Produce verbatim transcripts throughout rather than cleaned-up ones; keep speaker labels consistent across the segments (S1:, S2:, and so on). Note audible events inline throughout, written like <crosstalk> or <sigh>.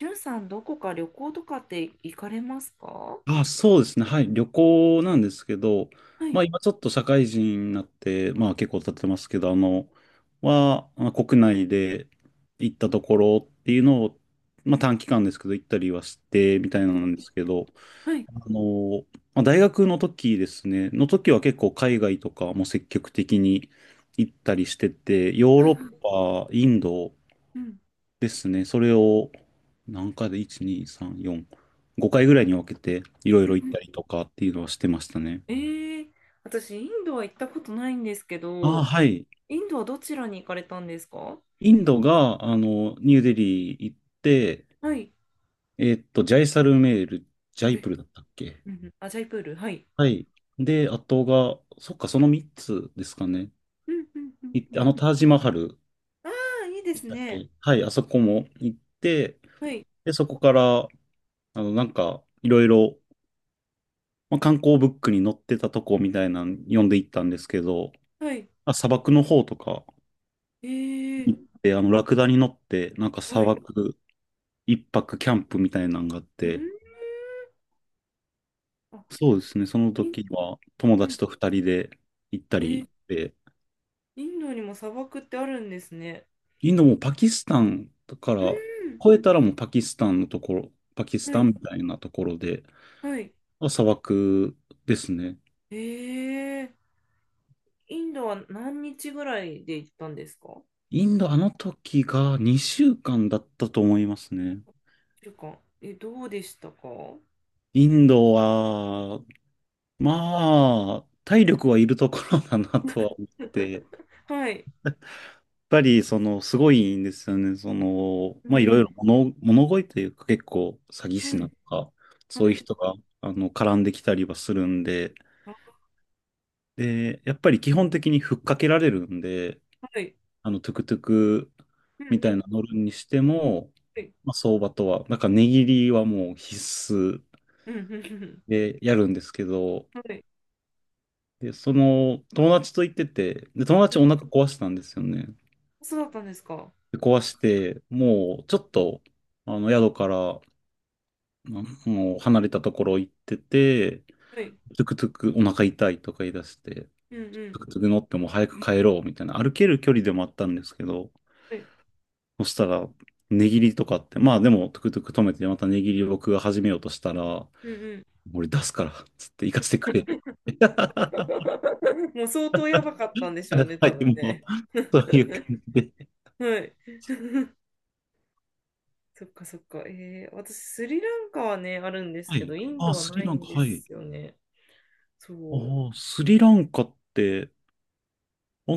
S1: りゅうさん、どこか旅行とかって行かれますか？は
S2: あ、そうですね。はい。旅行なんですけど、
S1: い、
S2: まあ今ちょっと社会人になって、まあ結構経ってますけど、あの、は、まあ国内で行ったところっていうのを、まあ短期間ですけど行ったりはして、みたいなのなんですけど、
S1: はい、
S2: あの、まあ、大学の時ですね、の時は結構海外とかも積極的に行ったりしてて、ヨー
S1: はい、
S2: ロ
S1: は
S2: ッ
S1: い。
S2: パ、インド
S1: うん、
S2: ですね。それを、何回で、いち、に、さん、よん、ごかいぐらいに分けて、いろい
S1: うん、う
S2: ろ行っ
S1: ん。
S2: たりとかっていうのはしてましたね。
S1: ええ。私、インドは行ったことないんですけ
S2: ああ、
S1: ど、
S2: はい。
S1: インドはどちらに行かれたんですか？
S2: インドが、あの、ニューデリー行って、
S1: はい、
S2: えーっと、ジャイサルメール、ジャイ
S1: え、
S2: プルだったっけ。
S1: うんうん、アジャイプール、はい。
S2: はい。で、あとが、そっか、そのみっつですかね。
S1: うん、うん、うん、
S2: 行って、
S1: う
S2: あの、
S1: ん。
S2: タージマハル
S1: ああ、いいで
S2: で
S1: す
S2: したっ
S1: ね。
S2: け。はい、あそこも行って、
S1: はい、
S2: で、そこから、あの、なんか、いろいろ、まあ、観光ブックに載ってたとこみたいなの読んでいったんですけど、
S1: はい。
S2: あ、砂漠の方とか
S1: え
S2: 行っ
S1: え。
S2: て、あの、ラクダに乗って、なんか
S1: は
S2: 砂
S1: い、
S2: 漠いっぱくキャンプみたいなのがあっ
S1: うん、
S2: て、
S1: あ、
S2: そうですね、その
S1: イン、
S2: 時は友
S1: う
S2: 達
S1: ん、
S2: とふたりで行った
S1: えー
S2: りで、
S1: インドにも砂漠ってあるんですね。
S2: インドもパキスタンだか
S1: う
S2: ら、
S1: ん、
S2: 越えたらもうパキスタンのところ、パキス
S1: は
S2: タン
S1: い、
S2: みたいなところで、
S1: はい。
S2: 砂漠ですね。
S1: ええ。インドは何日ぐらいで行ったんですか？
S2: インド、あの時がにしゅうかんだったと思いますね。
S1: 一週間。え、どうでしたか？
S2: インドは、まあ、体力はいるところだなとは思って、
S1: はい。
S2: ぱり、その、すごいんですよね。その、
S1: うん
S2: まあ、
S1: う
S2: いろいろ
S1: ん。
S2: 物、物乞いというか、結構、詐欺師
S1: は
S2: なん
S1: い。
S2: とか、
S1: は
S2: そういう
S1: い。
S2: 人が、あの、絡んできたりはするんで、
S1: あ、
S2: で、やっぱり基本的にふっかけられるんで、
S1: はい。
S2: あの、トゥクトゥク
S1: うん
S2: みた
S1: う
S2: い
S1: ん。
S2: な乗るにしても、
S1: はい。
S2: まあ、相場とは、なんか、値切りはもう必須
S1: うんうんうん。
S2: でやるんですけど、
S1: はい。
S2: で、その、友達と行ってて、で、友
S1: う
S2: 達お
S1: ん。
S2: 腹壊したんですよね。
S1: そうだったんですか？
S2: で壊して、もう、ちょっと、あの、宿からまあもう離れたところ行ってて、
S1: はい。
S2: トゥクトゥクお腹痛いとか言い出して、
S1: うんう
S2: トゥ
S1: ん。
S2: クトゥク乗ってもう早く帰ろうみたいな、歩ける距離でもあったんですけど、
S1: はい。
S2: そしたら、値切りとかって、まあでもトゥクトゥク止めてまた値切りを僕が始めようとしたら、
S1: うんうん。
S2: 俺出すから、つって行かせてくれ。<laughs>
S1: <laughs> もう相当やばかったんでしょうね、
S2: は
S1: 多
S2: い、
S1: 分
S2: もう、
S1: ね。
S2: そういう感
S1: <laughs>
S2: じで。
S1: はい。<laughs> そっかそっか。えー、私、スリランカはね、あるんです
S2: は
S1: け
S2: い。
S1: ど、インド
S2: あ、
S1: は
S2: ス
S1: な
S2: リ
S1: い
S2: ランカ、
S1: んで
S2: はい。
S1: すよね。
S2: あ
S1: そう。
S2: あ、スリランカって、あ、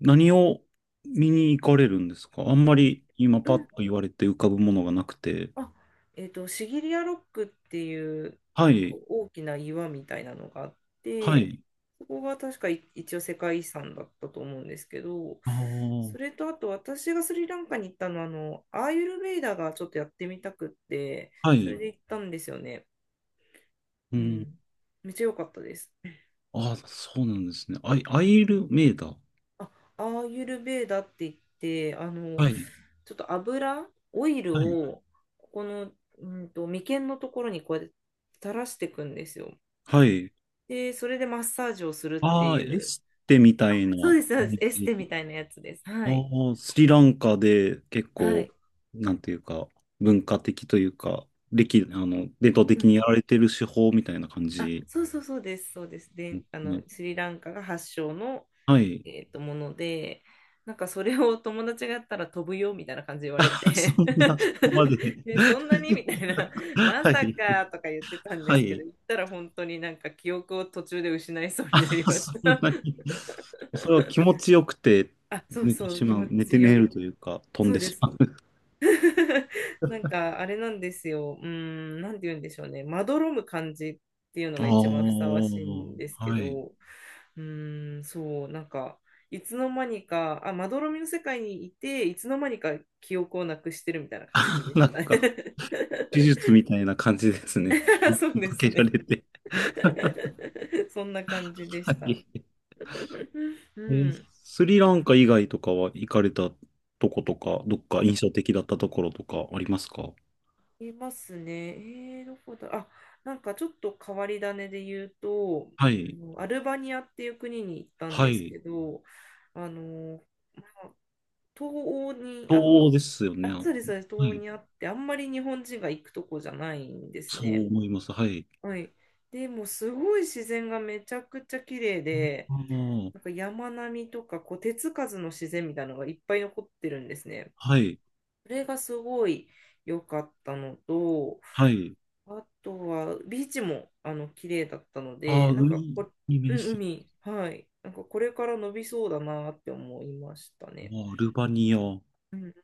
S2: 何を見に行かれるんですか？あんま
S1: え、
S2: り今パッと言われて浮かぶものがなくて。
S1: あ、えっと、シギリアロックっていう、
S2: は
S1: なんか
S2: い、
S1: 大きな岩みたいなのがあっ
S2: は
S1: て、
S2: い。
S1: そこが確かい一応世界遺産だったと思うんですけど、
S2: あ
S1: それ
S2: あ、
S1: とあと私がスリランカに行ったのは、あの、アーユルヴェイダがちょっとやってみたくって、
S2: は
S1: それ
S2: い。
S1: で行ったんですよね。
S2: う
S1: う
S2: ん。
S1: ん。めっちゃ良かったです。
S2: ああ、そうなんですね。アイ、アイルメイダー。
S1: あ、アーユルベーダって言って、あの、
S2: はい、
S1: ちょっと油、オイル
S2: はい、
S1: を、ここの、うんと、眉間のところにこうやって垂らしていくんですよ。
S2: はい。
S1: で、それでマッサージをするって
S2: ああ、
S1: い
S2: エ
S1: う、
S2: ステみたいな
S1: そうです、そうです、
S2: 感
S1: エス
S2: じ。
S1: テみたいなやつです。は
S2: あ
S1: い。
S2: あ、スリランカで結
S1: は
S2: 構、
S1: い。
S2: なんていうか、文化的というか、歴、あの、伝統
S1: う
S2: 的
S1: ん。
S2: にやられてる手法みたいな感
S1: あ、
S2: じ
S1: そうそうそうです、そうです。
S2: で
S1: で、あ
S2: す
S1: の、
S2: ね。
S1: スリランカが発祥の、
S2: はい。
S1: えっと、もので、なんかそれを友達がやったら飛ぶよみたいな感じで言われ
S2: <laughs> そ
S1: て
S2: んな、そこ
S1: <laughs>
S2: まで。
S1: で、そんなにみたいな、ま
S2: は
S1: さ
S2: い。
S1: かとか言ってたんで
S2: は
S1: すけど、
S2: い。
S1: 言ったら本当になんか記憶を途中で失いそうに
S2: あ、
S1: なりまし
S2: そん
S1: た。
S2: な
S1: <laughs>
S2: に。それは気持ちよくて
S1: あ、そう
S2: 寝て
S1: そう、
S2: し
S1: 気
S2: ま
S1: 持
S2: う。寝て
S1: ち
S2: 寝
S1: よ、
S2: るというか、飛ん
S1: そう
S2: で
S1: で
S2: し
S1: す。
S2: まう。
S1: <laughs> なんかあれなんですよ。うーん、なんて言うんでしょうね。まどろむ感じっていうの
S2: あ
S1: が一番ふさわしいんです
S2: あ、
S1: け
S2: はい。
S1: ど、うーん、そう、なんか、いつの間にか、あ、まどろみの世界にいて、いつの間にか記憶をなくしてるみたいな感じでし
S2: な
S1: た。
S2: んか、手術みたいな感じですね。
S1: <laughs>
S2: ま
S1: そうで
S2: か
S1: す
S2: けら
S1: ね。
S2: れて。<laughs> は
S1: <laughs> そんな感じでした。
S2: い。
S1: <laughs> う
S2: えー、
S1: ん。
S2: スリランカ以外とかは行かれたとことか、どっか印象的だったところとかありますか？
S1: いますね。えー、どこだ、あ、なんかちょっと変わり種で言うと、
S2: は
S1: あ
S2: い。
S1: のアルバニアっていう国に行ったん
S2: は
S1: です
S2: い。
S1: けど、あの、まあ、東欧にあ、
S2: そうですよね。
S1: あ、
S2: は
S1: そうです、そうです、東欧
S2: い。
S1: にあって、あんまり日本人が行くとこじゃないんです
S2: そう
S1: ね。
S2: 思います。はい。
S1: はい。でもうすごい自然がめちゃくちゃ綺麗で、
S2: あ
S1: なんか
S2: あ、
S1: 山並みとかこう手つかずの自然みたいなのがいっぱい残ってるんですね。
S2: はい、
S1: それがすごい良かったのと、
S2: はい。
S1: あとは、ビーチも、あの、綺麗だったの
S2: ああ、
S1: で、なんか
S2: 海
S1: こ、
S2: に面
S1: うん、
S2: して、
S1: 海、はい。なんか、これから伸びそうだなって思いました
S2: あ
S1: ね。
S2: あ、アルバニア。ど
S1: うん。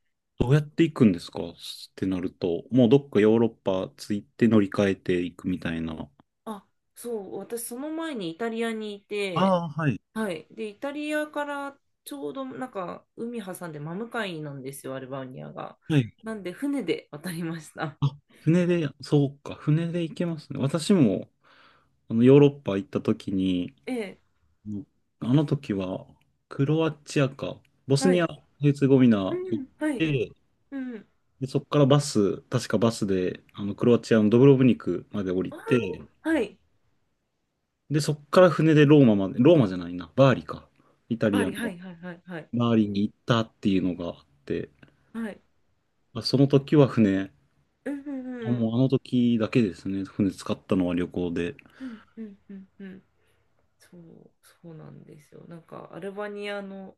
S2: うやって行くんですかってなると、もうどっかヨーロッパ着いて乗り換えていくみたいな。
S1: あ、そう、私、その前にイタリアにい
S2: あ
S1: て、
S2: あ、はい、
S1: はい。で、イタリアからちょうど、なんか、海挟んで真向かいなんですよ、アルバニアが。
S2: はい。
S1: なんで、船で渡りました。
S2: あ、船で、そうか、船で行けますね。私も、あの、ヨーロッパ行った時に、
S1: ええ、
S2: うん、あの時は、クロアチアか、ボス
S1: は
S2: ニ
S1: い。
S2: ア、ヘルツェゴビ
S1: う
S2: ナ行っ
S1: ん、はい。
S2: て、
S1: うん。
S2: で、そこからバス、確かバスで、あの、クロアチアのドブロブニクまで降り
S1: あ
S2: て、
S1: ーはい。
S2: で、そっから船でローマまで、ローマじゃないな、バーリか。イタ
S1: バ
S2: リア
S1: リ、
S2: の
S1: はい、はい、はい、はい。
S2: バーリに行ったっていうのがあって、
S1: はい。
S2: まあその時は船、
S1: うん、うん、
S2: あ、
S1: うん。
S2: もうあの時だけですね、船使ったのは旅行で。
S1: うん、うん、うん、うん。そう、そうなんですよ。なんかアルバニアの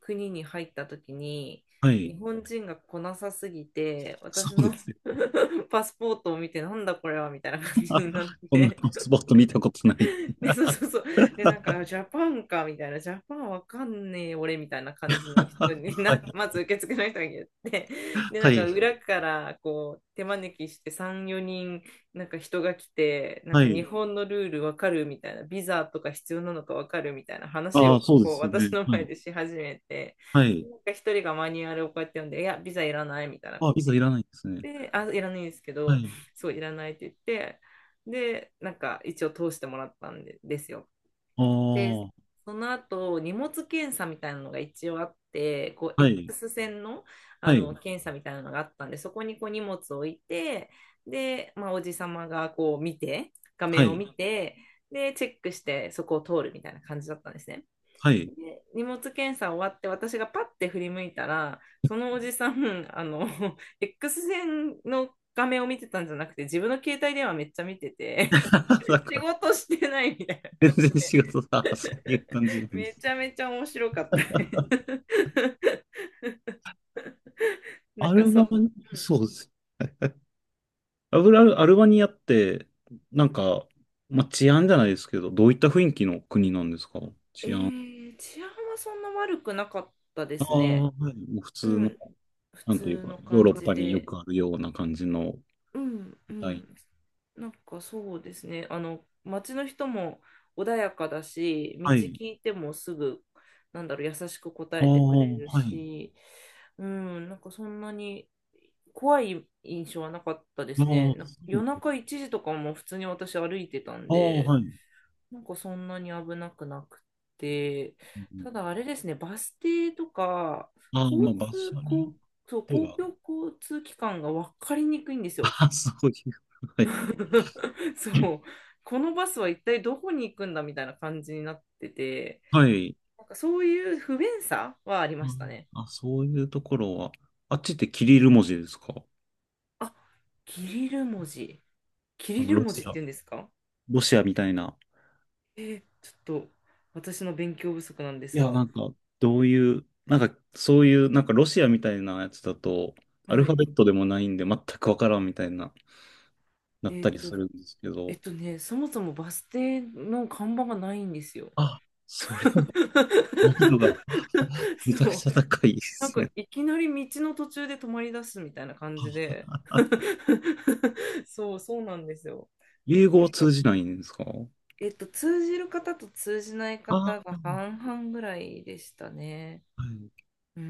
S1: 国に入った時に
S2: は
S1: 日
S2: い。
S1: 本人が来なさすぎて
S2: そ
S1: 私
S2: うで
S1: の
S2: すね。
S1: <laughs> パスポートを見てなんだこれはみたいな感じになっ
S2: <laughs> こんな
S1: て
S2: スポット見たことない。
S1: <laughs> でそうそうそう。で、なんか、<laughs> ジャパンか、みたいな、ジャパンわかんねえ、俺、みたいな感じの人
S2: <laughs>
S1: に
S2: は
S1: な、ま
S2: い。
S1: ず受付の人が言って、<laughs> で、な
S2: は
S1: んか、
S2: い。
S1: 裏から、こう、手招きして、さん、よにん、なんか人が来て、なん
S2: は
S1: か、日
S2: い。
S1: 本のルールわかるみたいな、ビザとか必要なのかわかるみたいな話
S2: あ
S1: を、
S2: あ、そうで
S1: こう、
S2: すよ
S1: 私
S2: ね。
S1: の
S2: は
S1: 前
S2: い。
S1: でし始めて、
S2: はい。
S1: なんか、一人がマニュアルをこうやって読んで、いや、ビザいらない、みたいな
S2: あ、
S1: こと
S2: ビザ
S1: 言っ
S2: いらないですね。
S1: で、あ、いらないんですけ
S2: は
S1: ど、
S2: い。
S1: そう、いらないって言って、で、なんか一応通してもらったんで、ですよ。
S2: あ
S1: で、
S2: あ、
S1: その後、荷物検査みたいなのが一応あって、こう、
S2: はい。
S1: X 線の、
S2: は
S1: あの、
S2: い。
S1: 検査みたいなのがあったんで、そこにこう荷物を置いて、で、まあ、おじさまがこう見て、画
S2: は
S1: 面を
S2: い。
S1: 見て、で、チェックして、そこを通るみたいな感じだったんですね。
S2: はい。
S1: で荷物検査終わって私がパッて振り向いたらそのおじさんあの <laughs> エックスせんの画面を見てたんじゃなくて自分の携帯電話めっちゃ見てて
S2: <laughs> だ
S1: <laughs> 仕
S2: から、
S1: 事してないみたい
S2: 全
S1: な感じ
S2: 然
S1: で
S2: 仕事が、そういう感じなん
S1: <laughs>
S2: で
S1: め
S2: す。
S1: ちゃめちゃ面白かった <laughs> なん
S2: ア
S1: か
S2: ル
S1: そ、う
S2: バ
S1: ん。
S2: ニ、そうです。アルバアルバニアって、なんか、まあ、治安じゃないですけど、どういった雰囲気の国なんですか？
S1: え
S2: 治安。
S1: ー治安はそんな悪くなかったで
S2: あ
S1: す
S2: あ、
S1: ね。
S2: はい。もう普通
S1: う
S2: の、
S1: ん。普
S2: なんていう
S1: 通
S2: か、
S1: の
S2: ヨーロ
S1: 感
S2: ッ
S1: じ
S2: パによ
S1: で。
S2: くあるような感じの、
S1: うんう
S2: みたい。
S1: ん。なんかそうですね。あの、街の人も穏やかだし、道
S2: はい。
S1: 聞いてもすぐ、なんだろう、優しく答
S2: ああ、
S1: えてくれる
S2: はい。
S1: し、うん、なんかそんなに怖い印象はなかったで
S2: ああ、
S1: すね。
S2: そ
S1: な夜
S2: う、
S1: 中いちじとかも普通に私歩いてたん
S2: ああ、
S1: で、
S2: はい。う
S1: なんかそんなに危なくなくて、た
S2: ん、
S1: だあれですね、バス停とか、
S2: ああ、
S1: 交
S2: まあ、場
S1: 通、
S2: 所によ
S1: 公
S2: っ
S1: そう
S2: て
S1: 公
S2: は、
S1: 共交通機関が分かりにくいんです
S2: <laughs>
S1: よ。
S2: ああ、そういう。はい。
S1: <laughs> そう。このバスは一体どこに行くんだみたいな感じになってて、
S2: はい。
S1: なんかそういう不便さはありま
S2: う
S1: した
S2: ん、
S1: ね。
S2: あ、そういうところは、あっちってキリル文字ですか？
S1: あ、キリル文字。キ
S2: あ
S1: リ
S2: の、
S1: ル
S2: ロ
S1: 文
S2: シ
S1: 字って
S2: ア、
S1: 言うんですか？
S2: ロシアみたいな。
S1: えーちょっと私の勉強不足なんで
S2: い
S1: す
S2: や、
S1: が、
S2: なんか、どういう、なんか、そういう、なんか、ロシアみたいなやつだと、アル
S1: は
S2: ファ
S1: い。
S2: ベットでもないんで、全くわからんみたいな、なっ
S1: え
S2: た
S1: ーっ
S2: り
S1: と、
S2: するんですけ
S1: え
S2: ど、
S1: っとね、そもそもバス停の看板がないんですよ。
S2: あ、それは難易度が
S1: <laughs>
S2: めちゃ
S1: そ
S2: く
S1: う。
S2: ちゃ高いで
S1: なん
S2: す
S1: か
S2: ね。
S1: いきなり道の途中で止まり出すみたいな感じ
S2: あ、
S1: で <laughs> そう、そうなんですよ。だ
S2: 英
S1: か
S2: 語を
S1: ら、
S2: 通じないんですか？
S1: えっと、通じる方と通じない
S2: あ
S1: 方
S2: あ、
S1: が半々ぐらいでしたね。
S2: はい。
S1: うー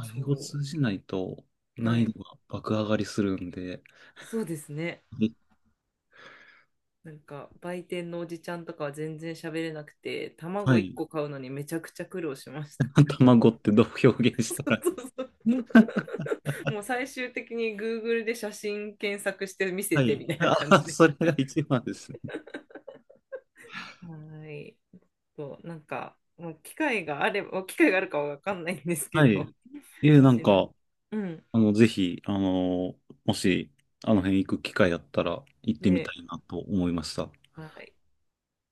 S1: ん、そ
S2: 英語通じないと、
S1: う。は
S2: 難
S1: い。
S2: 易度が爆上がりするんで、
S1: そうですね。
S2: え、
S1: なんか、売店のおじちゃんとかは全然喋れなくて、
S2: は
S1: 卵1
S2: い。
S1: 個買うのにめちゃくちゃ苦労しました。
S2: <laughs> 卵ってどう表現
S1: <laughs>
S2: し
S1: そ
S2: た
S1: う
S2: ら。
S1: そうそう。
S2: <laughs>
S1: もう最終的に グーグル で写真検索して見せ
S2: は
S1: て
S2: い。
S1: みたいな感
S2: あ、
S1: じで、
S2: それが一番ですね。
S1: はい。そう、なんか、もう機会があれば、機会があるかはわかんないんですけ
S2: は
S1: ど、
S2: い。
S1: <laughs>
S2: え、
S1: も
S2: なん
S1: しなんか、
S2: か、
S1: うん。
S2: あの、ぜひ、あの、もし、あの辺行く機会あったら行ってみ
S1: ね、
S2: たいなと思いました。
S1: はい。